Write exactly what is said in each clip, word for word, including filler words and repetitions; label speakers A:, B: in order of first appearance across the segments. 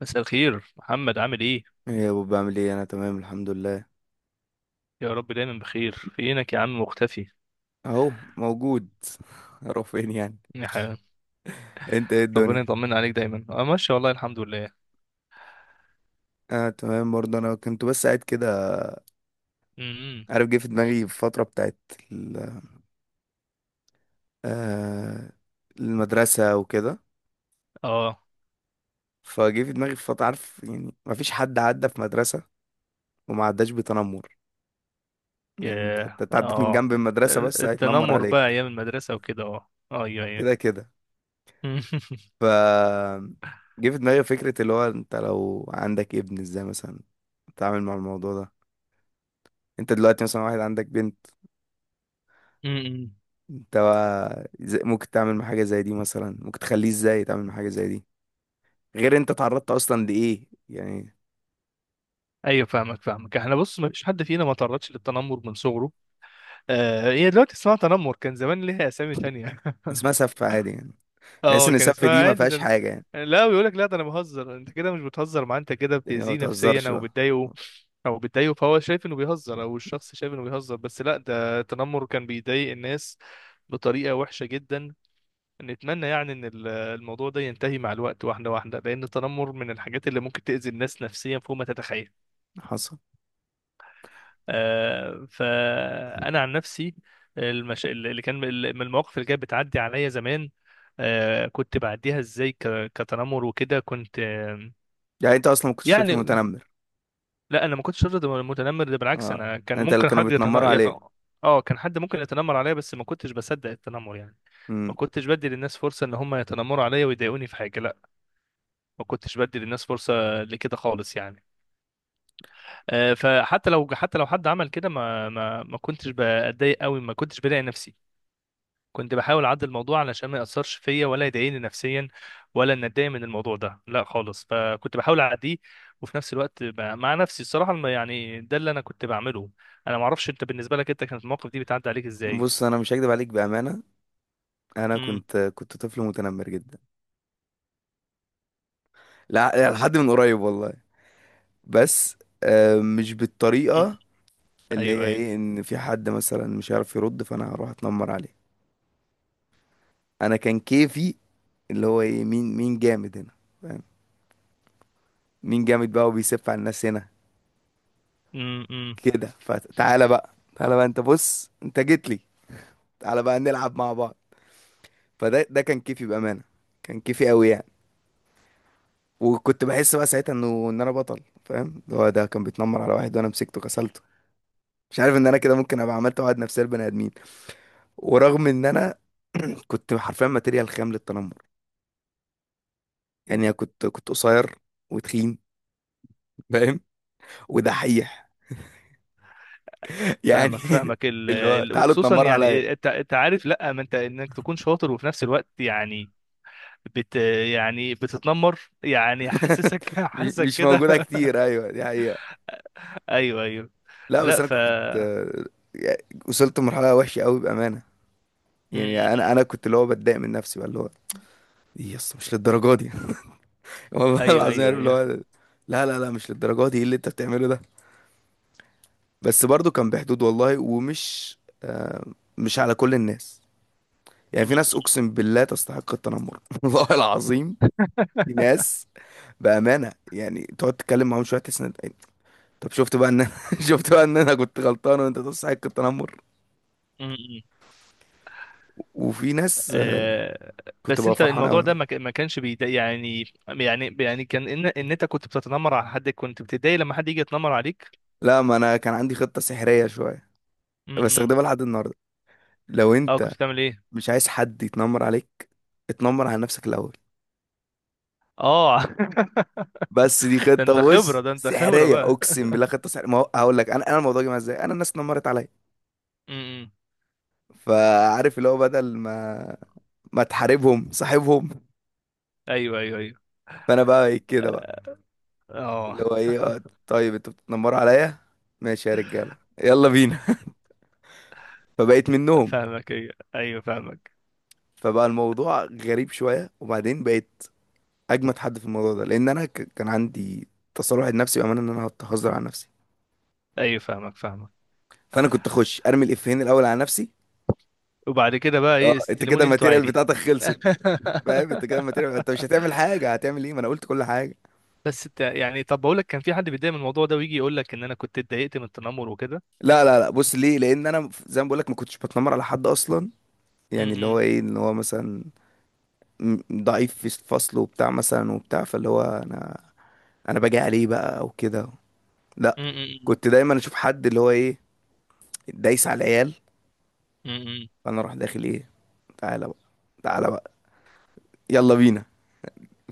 A: مساء الخير محمد، عامل ايه؟
B: ايه يا ابو بعمل ايه، انا تمام الحمد لله.
A: يا رب دايما بخير. فينك يا عم مختفي؟
B: اهو موجود. اروح فين يعني؟
A: يا حبيبي،
B: انت ايه
A: ربنا
B: الدنيا؟
A: يطمن عليك دايما. اه ماشي والله الحمد لله.
B: اه تمام برضه، انا كنت بس قاعد كده.
A: امم
B: عارف، جه في دماغي الفتره بتاعت ال- آه المدرسه وكده.
A: اه
B: فجه في دماغي فتره، عارف يعني، ما فيش حد عدى في مدرسه وما عداش بتنمر. يعني انت
A: يا
B: انت عديت من
A: اه
B: جنب المدرسه بس هيتنمر
A: التنمر بقى
B: عليك.
A: ايام المدرسه وكده، اه ايوه ايوه.
B: كده كده. ف جه في دماغي فكره اللي هو انت لو عندك ابن، ازاي مثلا تتعامل مع الموضوع ده؟ انت دلوقتي مثلا واحد عندك بنت،
A: أمم.
B: انت بقى ز- ممكن تعمل مع حاجة زي دي؟ مثلا ممكن تخليه ازاي تعمل مع حاجة زي دي غير انت تعرضت اصلا لايه يعني؟
A: ايوه فاهمك فاهمك احنا بص، ما فيش حد فينا ما تعرضش للتنمر من صغره. آه، هي دلوقتي اسمها تنمر، كان زمان ليها اسامي تانية.
B: اسمها سف عادي يعني، تحس
A: اه
B: ان
A: كان
B: السف
A: اسمها
B: دي ما
A: عادي،
B: فيهاش
A: ده أنا-
B: حاجة يعني؟
A: يعني لا، بيقول لك لا ده انا بهزر، انت كده مش بتهزر معاه، انت كده
B: يعني ما
A: بتأذيه نفسيا
B: بتهزرش
A: او
B: بقى؟
A: بتضايقه. او بتضايقه، فهو شايف انه بيهزر او الشخص شايف انه بيهزر، بس لا، ده التنمر كان بيضايق الناس بطريقة وحشة جدا. نتمنى يعني ان ال- الموضوع ده ينتهي مع الوقت واحدة واحدة، لان التنمر من الحاجات اللي ممكن تأذي الناس نفسيا فوق ما تتخيل.
B: حصل.
A: آه، فانا عن نفسي، المش... اللي كان من المواقف اللي كانت بتعدي عليا زمان، آه، كنت بعديها ازاي ك... كتنمر وكده، كنت آه،
B: يعني انت اصلا ما كنتش طفل
A: يعني
B: متنمر؟
A: لا، انا ما كنتش شرط متنمر، ده بالعكس
B: اه،
A: انا كان
B: انت اللي
A: ممكن
B: كانوا
A: حد يتن...
B: بيتنمروا
A: يت...
B: عليه.
A: اه، كان حد ممكن يتنمر عليا بس ما كنتش بصدق التنمر يعني.
B: امم.
A: ما كنتش بدي للناس فرصة ان هم يتنمروا عليا ويضايقوني في حاجة، لا. ما كنتش بدي للناس فرصة لكده خالص يعني. آه، فحتى لو حتى لو حد عمل كده، ما ما ما كنتش بتضايق قوي، ما كنتش بلاقي نفسي. كنت بحاول اعدل الموضوع علشان ما ياثرش فيا ولا يضايقني نفسيا، ولا ان اتضايق من الموضوع ده لا خالص، فكنت بحاول اعديه. وفي نفس الوقت ب- مع نفسي الصراحه، الم- يعني ده اللي انا كنت بعمله. انا ما اعرفش انت بالنسبه لك، انت كانت المواقف دي بتعدي عليك ازاي؟
B: بص، انا مش هكدب عليك، بأمانة، انا
A: امم
B: كنت كنت طفل متنمر جدا. لا لحد من قريب والله. بس آه، مش
A: أمم.
B: بالطريقة اللي هي
A: ايوه ايوه.
B: ايه، ان في حد مثلا مش عارف يرد فانا هروح اتنمر عليه. انا كان كيفي اللي هو ايه، مين مين جامد هنا، فاهم؟ مين جامد بقى وبيسف على الناس هنا
A: امم أمم.
B: كده. فتعالى بقى، تعالى بقى، انت بص انت جيت لي، تعالى بقى نلعب مع بعض. فده ده كان كيفي، بامانه كان كيفي قوي يعني. وكنت بحس بقى ساعتها انه ان انا بطل، فاهم؟ اللي هو ده كان بيتنمر على واحد وانا مسكته كسلته. مش عارف ان انا كده ممكن ابقى عملت عقد نفسيه لبني ادمين. ورغم ان انا كنت حرفيا ماتيريال خام للتنمر. يعني أنا كنت كنت قصير وتخين، فاهم؟ ودحيح يعني
A: فاهمك فاهمك ال...
B: اللي هو
A: ال...
B: تعالوا
A: وخصوصا
B: اتنمروا عليا.
A: يعني انت، انت عارف، لا ما انت انك تكون شاطر وفي نفس الوقت يعني بت يعني بتتنمر، يعني حاسسك
B: م-
A: حاسسك
B: مش
A: كده.
B: موجودة كتير، أيوه دي حقيقة.
A: ايوه ايوه.
B: لا بس
A: لا
B: أنا
A: ف
B: كنت آه، يعني وصلت لمرحلة وحشة أوي بأمانة. يعني أنا
A: امم،
B: أنا كنت اللي هو بتضايق من نفسي بقى، اللي هو إيه يا اسطى مش للدرجة دي. والله
A: ايوه
B: العظيم،
A: ايوه
B: عارف اللي هو
A: ايوه.
B: لا لا لا مش للدرجة دي، إيه اللي أنت بتعمله ده؟ بس برضو كان بحدود والله، ومش آه، مش على كل الناس. يعني في ناس أقسم بالله تستحق التنمر. والله العظيم في ناس، بأمانة يعني، تقعد تتكلم معاهم شوية تحس إن- طب شفت بقى ان انا شفت بقى ان انا كنت غلطان وانت تصحى كنت تنمر.
A: امم.
B: وفي ناس آه،
A: آه.
B: كنت
A: بس
B: بقى
A: انت
B: فرحان
A: الموضوع
B: قوي.
A: ده ما ك- ما كانش بيضايق يعني، يعني يعني كان ان ان انت كنت بتتنمر على حد، كنت بتتضايق لما حد يجي يتنمر عليك؟
B: لا، ما انا كان عندي خطة سحرية شوية
A: امم.
B: بستخدمها لحد النهاردة. لو
A: اه
B: انت
A: كنت بتعمل ايه؟
B: مش عايز حد يتنمر عليك، اتنمر على نفسك الاول.
A: اه.
B: بس دي
A: ده
B: خطة،
A: انت خبرة،
B: بص،
A: ده انت خبرة
B: سحرية
A: بقى.
B: اقسم بالله، خطة سحرية. ما هو- هقول لك، انا انا الموضوع جه معايا ازاي، انا الناس اتنمرت عليا.
A: امم.
B: فعارف اللي هو بدل ما ما تحاربهم صاحبهم.
A: ايوه ايوه ايوه.
B: فانا بقى إيه كده بقى،
A: اه
B: اللي هو ايه، آه، طيب انتوا بتتنمروا عليا، ماشي يا رجاله، يلا بينا. فبقيت منهم.
A: فاهمك. ايوه ايوه فاهمك.
B: فبقى الموضوع غريب شويه، وبعدين بقيت اجمد حد في الموضوع ده، لان انا ك- كان عندي تصالح لنفسي بامانه ان انا هزار على نفسي.
A: ايوه فاهمك فاهمك
B: فانا كنت اخش ارمي الافيهين الاول على نفسي.
A: وبعد كده بقى
B: اه،
A: ايه،
B: انت كده
A: استلموني انتوا
B: الماتيريال
A: عادي؟
B: بتاعتك خلصت، فاهم؟ انت كده الماتيريال، انت مش هتعمل حاجه، هتعمل ايه؟ ما انا قلت كل حاجه.
A: بس انت يعني، طب بقول لك كان في حد بيتضايق من الموضوع ده ويجي يقول لك ان انا كنت اتضايقت من التنمر وكده؟
B: لا لا لا، بص ليه، لان انا ف- زي ما بقول لك ما كنتش بتنمر على حد اصلا. يعني اللي
A: امم.
B: هو ايه، ان هو مثلا م- ضعيف في الفصل وبتاع مثلا وبتاع، فاللي هو انا، انا باجي عليه بقى او كده، لا.
A: امم.
B: كنت دايما اشوف حد اللي هو ايه، دايس على العيال،
A: امم.
B: فانا اروح داخل ايه، تعالى بقى، تعالى بقى، يلا بينا.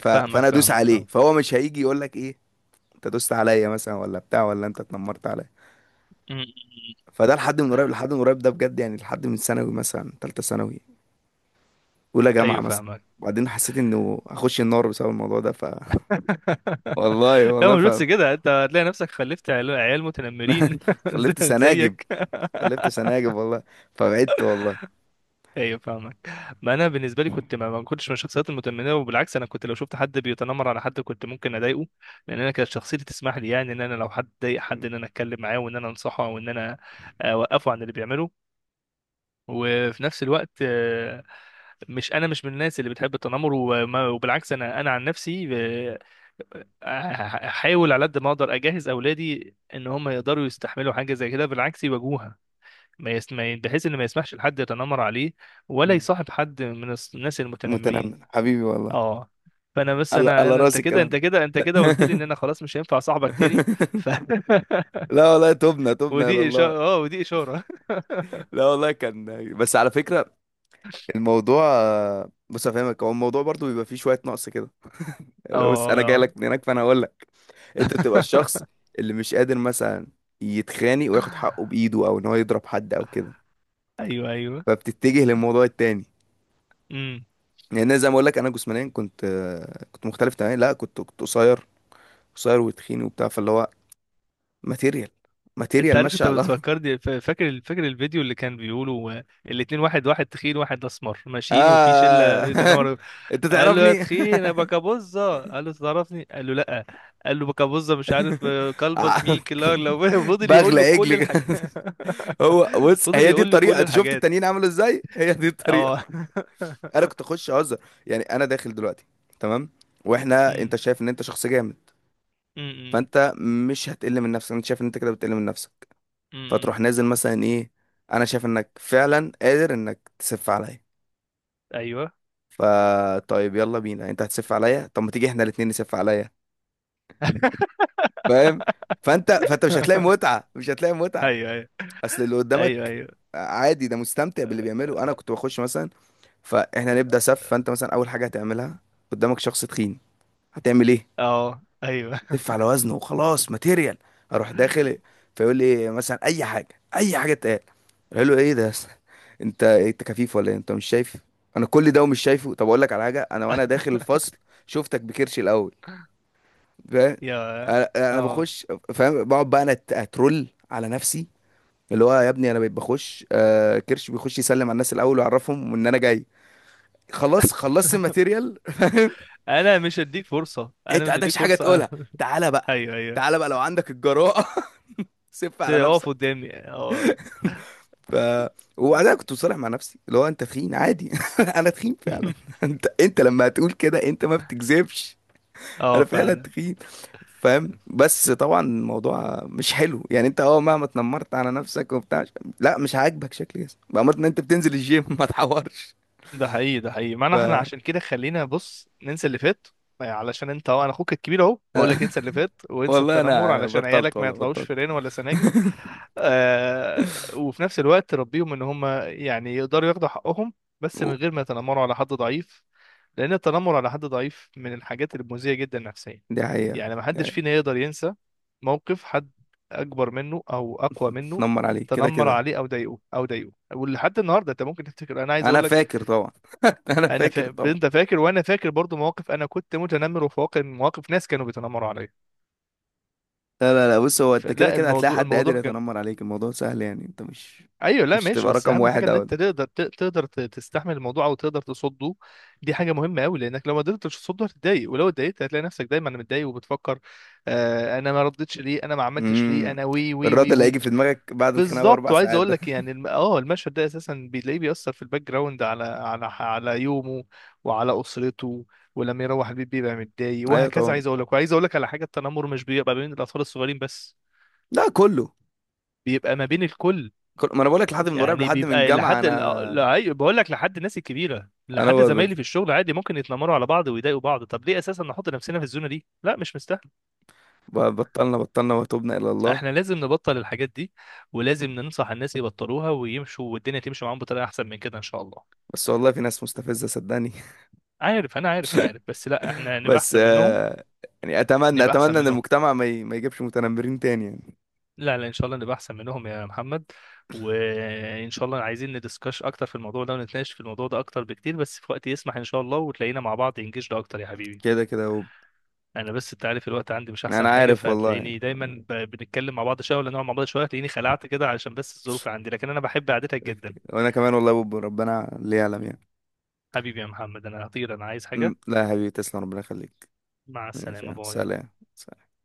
B: ف...
A: فاهمك
B: فانا ادوس
A: فاهمك
B: عليه،
A: فاهمك
B: فهو مش هيجي يقول لك ايه، انت دوست عليا مثلا ولا بتاع ولا انت اتنمرت عليا.
A: امم.
B: فده لحد من قريب، لحد من قريب ده بجد، يعني لحد من ثانوي مثلا، ثالثه ثانوي، اولى جامعه
A: ايوه
B: مثلا.
A: فاهمك.
B: وبعدين حسيت انه اخش النار بسبب الموضوع ده. ف والله
A: لا
B: والله.
A: مش
B: ف
A: بس كده، انت هتلاقي نفسك خلفت عيال، عيال متنمرين زي-
B: خلفت سناجب،
A: زيك.
B: خلفت سناجب والله. فبعدت والله.
A: ايوه فاهمك. ما انا بالنسبه لي كنت ما ما كنتش من الشخصيات المتنمره، وبالعكس انا كنت لو شفت حد بيتنمر على حد كنت ممكن اضايقه، لان انا كانت شخصيتي تسمح لي يعني، ان انا لو حد ضايق حد
B: م-
A: ان انا اتكلم معاه وان انا انصحه او ان انا اوقفه عن اللي بيعمله. وفي نفس الوقت آه، مش انا مش من الناس اللي بتحب التنمر، وما- وبالعكس انا، انا عن نفسي آه، أح- احاول على قد ما اقدر اجهز اولادي ان هم يقدروا يستحملوا حاجه زي كده، بالعكس يواجهوها. ما يس... ما ي- بحيث ان ما يسمحش لحد يتنمر عليه، ولا
B: م.
A: يصاحب حد من الس- الناس المتنمرين.
B: متنمر حبيبي والله.
A: اه، فانا بس
B: على
A: انا
B: على
A: أنا- انت
B: راس
A: كده، انت
B: الكلام
A: كده، انت
B: ده.
A: كده قلت لي ان انا خلاص مش هينفع صاحبك تاني. ف...
B: لا والله، تبنا تبنا الى
A: ودي
B: الله.
A: اشاره، اه ودي اشاره.
B: لا والله كان، بس على فكره الموضوع، بص افهمك، هو الموضوع برضو بيبقى فيه شويه نقص كده.
A: اه
B: يعني بص، انا جاي
A: اه.
B: لك من هناك، فانا هقول لك، انت بتبقى الشخص اللي مش قادر مثلا يتخانق وياخد حقه بايده او ان هو يضرب حد او كده،
A: ايوه ايوه.
B: فبتتجه للموضوع التاني.
A: امم.
B: يعني أنا زي ما اقول لك، انا جسمانيا كنت كنت مختلف تماما، لا كنت كنت قصير، قصير وتخين وبتاع، فاللي هو ماتيريال،
A: انت
B: ماتيريال
A: عارف
B: ماشي
A: انت
B: على الارض.
A: بتفكرني، فا- فاكر، فاكر الفيديو اللي كان بيقولوا آه، الاتنين، واحد واحد تخين واحد اسمر ماشيين وفي شله
B: آه
A: بيتناور،
B: انت
A: قال له يا
B: تعرفني.
A: تخين يا بكابوزه، قال له تعرفني، قال له لا. قال له بكابوزه، مش عارف آه، كلبز ميك، لا لو فضل يقول
B: بغلى
A: له
B: عجل
A: كل
B: كده.
A: الحاجات.
B: هو بص،
A: فضل
B: هي دي
A: يقول له
B: الطريقه،
A: كل
B: انت شفت
A: الحاجات.
B: التانيين عملوا ازاي؟ هي دي الطريقه.
A: اه.
B: انا كنت اخش اهزر. يعني انا داخل دلوقتي، تمام، واحنا
A: امم
B: انت شايف ان انت شخص جامد،
A: امم
B: فانت مش هتقل من نفسك، انت شايف ان انت كده بتقل من نفسك،
A: امم
B: فتروح نازل مثلا ايه، انا شايف انك فعلا قادر انك تسف عليا.
A: ايوه
B: فا طيب يلا بينا، انت هتسف عليا، طب ما تيجي احنا الاتنين نسف عليا، فاهم؟ فانت فانت مش هتلاقي متعة، مش هتلاقي متعة.
A: ايوه ايوه
B: اصل اللي
A: ايوه
B: قدامك
A: ايوه
B: عادي ده مستمتع باللي بيعمله. انا كنت بخش مثلا، فاحنا نبدأ سف، فانت مثلا اول حاجة هتعملها، قدامك شخص تخين، هتعمل ايه؟
A: اه ايوه.
B: تلف على وزنه وخلاص، ماتيريال. اروح داخل فيقول لي مثلا اي حاجة، اي حاجة تقال، قال له ايه ده يا أسطى؟ انت انت كفيف ولا ايه؟ انت مش شايف انا كل ده ومش شايفه؟ طب اقول لك على حاجة، انا وانا داخل الفصل شفتك بكرشي الاول، فاهم؟
A: يا
B: انا أنا
A: اه،
B: بخش، فاهم، بقعد بقى، انا أت- اترول على نفسي، اللي هو يا ابني انا بقيت بخش، آه كرش بيخش يسلم على الناس الاول ويعرفهم ان انا جاي. خلاص، خلصت الماتيريال.
A: انا مش هديك فرصه، انا
B: انت
A: مش هديك
B: عندكش حاجه
A: فرصه.
B: تقولها؟ تعالى بقى،
A: ايوه ايوه.
B: تعالى بقى لو عندك الجراءه. سف
A: بس
B: على
A: اقف
B: نفسك.
A: قدامي اه.
B: ف وبعدها كنت مصالح مع نفسي، اللي هو انت تخين عادي. انا تخين فعلا. انت انت لما هتقول كده انت ما بتكذبش،
A: اه
B: انا فعلا
A: فعلا.
B: تخين، فاهم؟ بس طبعا الموضوع مش حلو يعني، انت اه مهما اتنمرت على نفسك وبتاع، لا مش عاجبك شكل جسمك بأمر ان انت بتنزل الجيم. ما تحورش.
A: ده حقيقي، ده حقيقي
B: ف
A: معنى. احنا عشان كده خلينا بص ننسى اللي فات. آه، علشان انت اهو، انا اخوك الكبير اهو بقول لك انسى اللي فات وانسى
B: والله انا،
A: التنمر،
B: انا
A: علشان
B: بطلت
A: عيالك ما
B: والله،
A: يطلعوش
B: بطلت.
A: فيران ولا سناجب. آه، وفي نفس الوقت ربيهم ان هم يعني يقدروا ياخدوا حقهم، بس
B: و-
A: من غير ما يتنمروا على حد ضعيف. لأن التنمر على حد ضعيف من الحاجات المؤذية جدا نفسيا.
B: دي حقيقة
A: يعني محدش
B: يعني.
A: فينا يقدر ينسى موقف حد أكبر منه أو أقوى منه
B: اتنمر عليك كده
A: تنمر
B: كده،
A: عليه أو ضايقه. أو ضايقه ولحد النهاردة أنت ممكن تفتكر. أنا عايز
B: انا
A: أقول لك،
B: فاكر طبعا. انا
A: أنا
B: فاكر
A: فا...
B: طبعا.
A: أنت فاكر وأنا فاكر برضو مواقف أنا كنت متنمر، وفي واقع مواقف ناس كانوا بيتنمروا عليا.
B: لا لا لا، بص، هو انت كده
A: فلا
B: كده هتلاقي
A: الموضوع
B: حد قادر
A: الموضوع كان،
B: يتنمر عليك، الموضوع سهل يعني، انت مش،
A: ايوه لا
B: مش
A: ماشي.
B: هتبقى
A: بس
B: رقم
A: اهم حاجه
B: واحد
A: ان
B: اول.
A: انت تقدر ت- تقدر ت- تستحمل الموضوع او تقدر تصده. دي حاجه مهمه قوي، لانك لو ما قدرتش تصده هتتضايق، ولو اتضايقت هتلاقي نفسك دايما متضايق وبتفكر آه انا ما ردتش ليه، انا ما عملتش ليه،
B: امم،
A: انا وي وي
B: الرد
A: وي
B: اللي هيجي
A: وي.
B: في دماغك بعد الخناقه
A: بالظبط.
B: باربع
A: وعايز
B: ساعات
A: اقول
B: ده.
A: لك يعني، الم- اه المشهد ده اساسا بتلاقيه بيأثر في الباك جراوند على على على يومه وعلى اسرته. ولما يروح البيت بيبقى متضايق
B: ايوه
A: وهكذا.
B: طبعا.
A: عايز اقول لك، وعايز اقول لك على حاجه، التنمر مش بيبقى بين الاطفال الصغيرين بس،
B: لا كله،
A: بيبقى ما بين الكل.
B: كل... ما انا بقول لك لحد من قريب،
A: يعني
B: لحد من
A: بيبقى
B: جامعة.
A: لحد ال-
B: انا
A: لا أيوة، بقول لك لحد الناس الكبيره،
B: انا
A: لحد
B: ب...
A: زمايلي في الشغل عادي ممكن يتنمروا على بعض ويضايقوا بعض. طب ليه اساسا نحط نفسنا في الزونه دي؟ لا مش مستاهل.
B: ب... بطلنا بطلنا وتوبنا الى الله.
A: احنا لازم نبطل الحاجات دي، ولازم ننصح الناس يبطلوها ويمشوا، والدنيا تمشي معاهم بطريقه احسن من كده ان شاء الله.
B: بس والله في ناس مستفزة صدقني.
A: عارف، انا عارف، انا عارف، بس لا احنا نبقى
B: بس
A: احسن منهم.
B: آه... يعني اتمنى
A: نبقى احسن
B: اتمنى ان
A: منهم.
B: المجتمع ما, ي... ما يجيبش متنمرين تاني يعني.
A: لا لا، ان شاء الله نبقى احسن منهم يا محمد. وان شاء الله عايزين ندسكش اكتر في الموضوع ده ونتناقش في الموضوع ده اكتر بكتير، بس في وقت يسمح ان شاء الله وتلاقينا مع بعض انجيج ده اكتر يا حبيبي.
B: كده كده يا بوب.
A: انا بس انت عارف الوقت عندي مش احسن
B: انا
A: حاجه،
B: عارف والله يعني،
A: فهتلاقيني دايما ب- بنتكلم مع بعض شويه ولا نقعد مع بعض شويه هتلاقيني خلعت كده، علشان بس الظروف اللي عندي، لكن انا بحب قعدتك جدا.
B: وانا كمان والله يا بوب، ربنا اللي يعلم يعني.
A: حبيبي يا محمد، انا هطير، انا عايز
B: م-
A: حاجه.
B: لا يا حبيبي تسلم، ربنا يخليك.
A: مع
B: ماشي يا
A: السلامه،
B: عم.
A: باي.
B: سلام.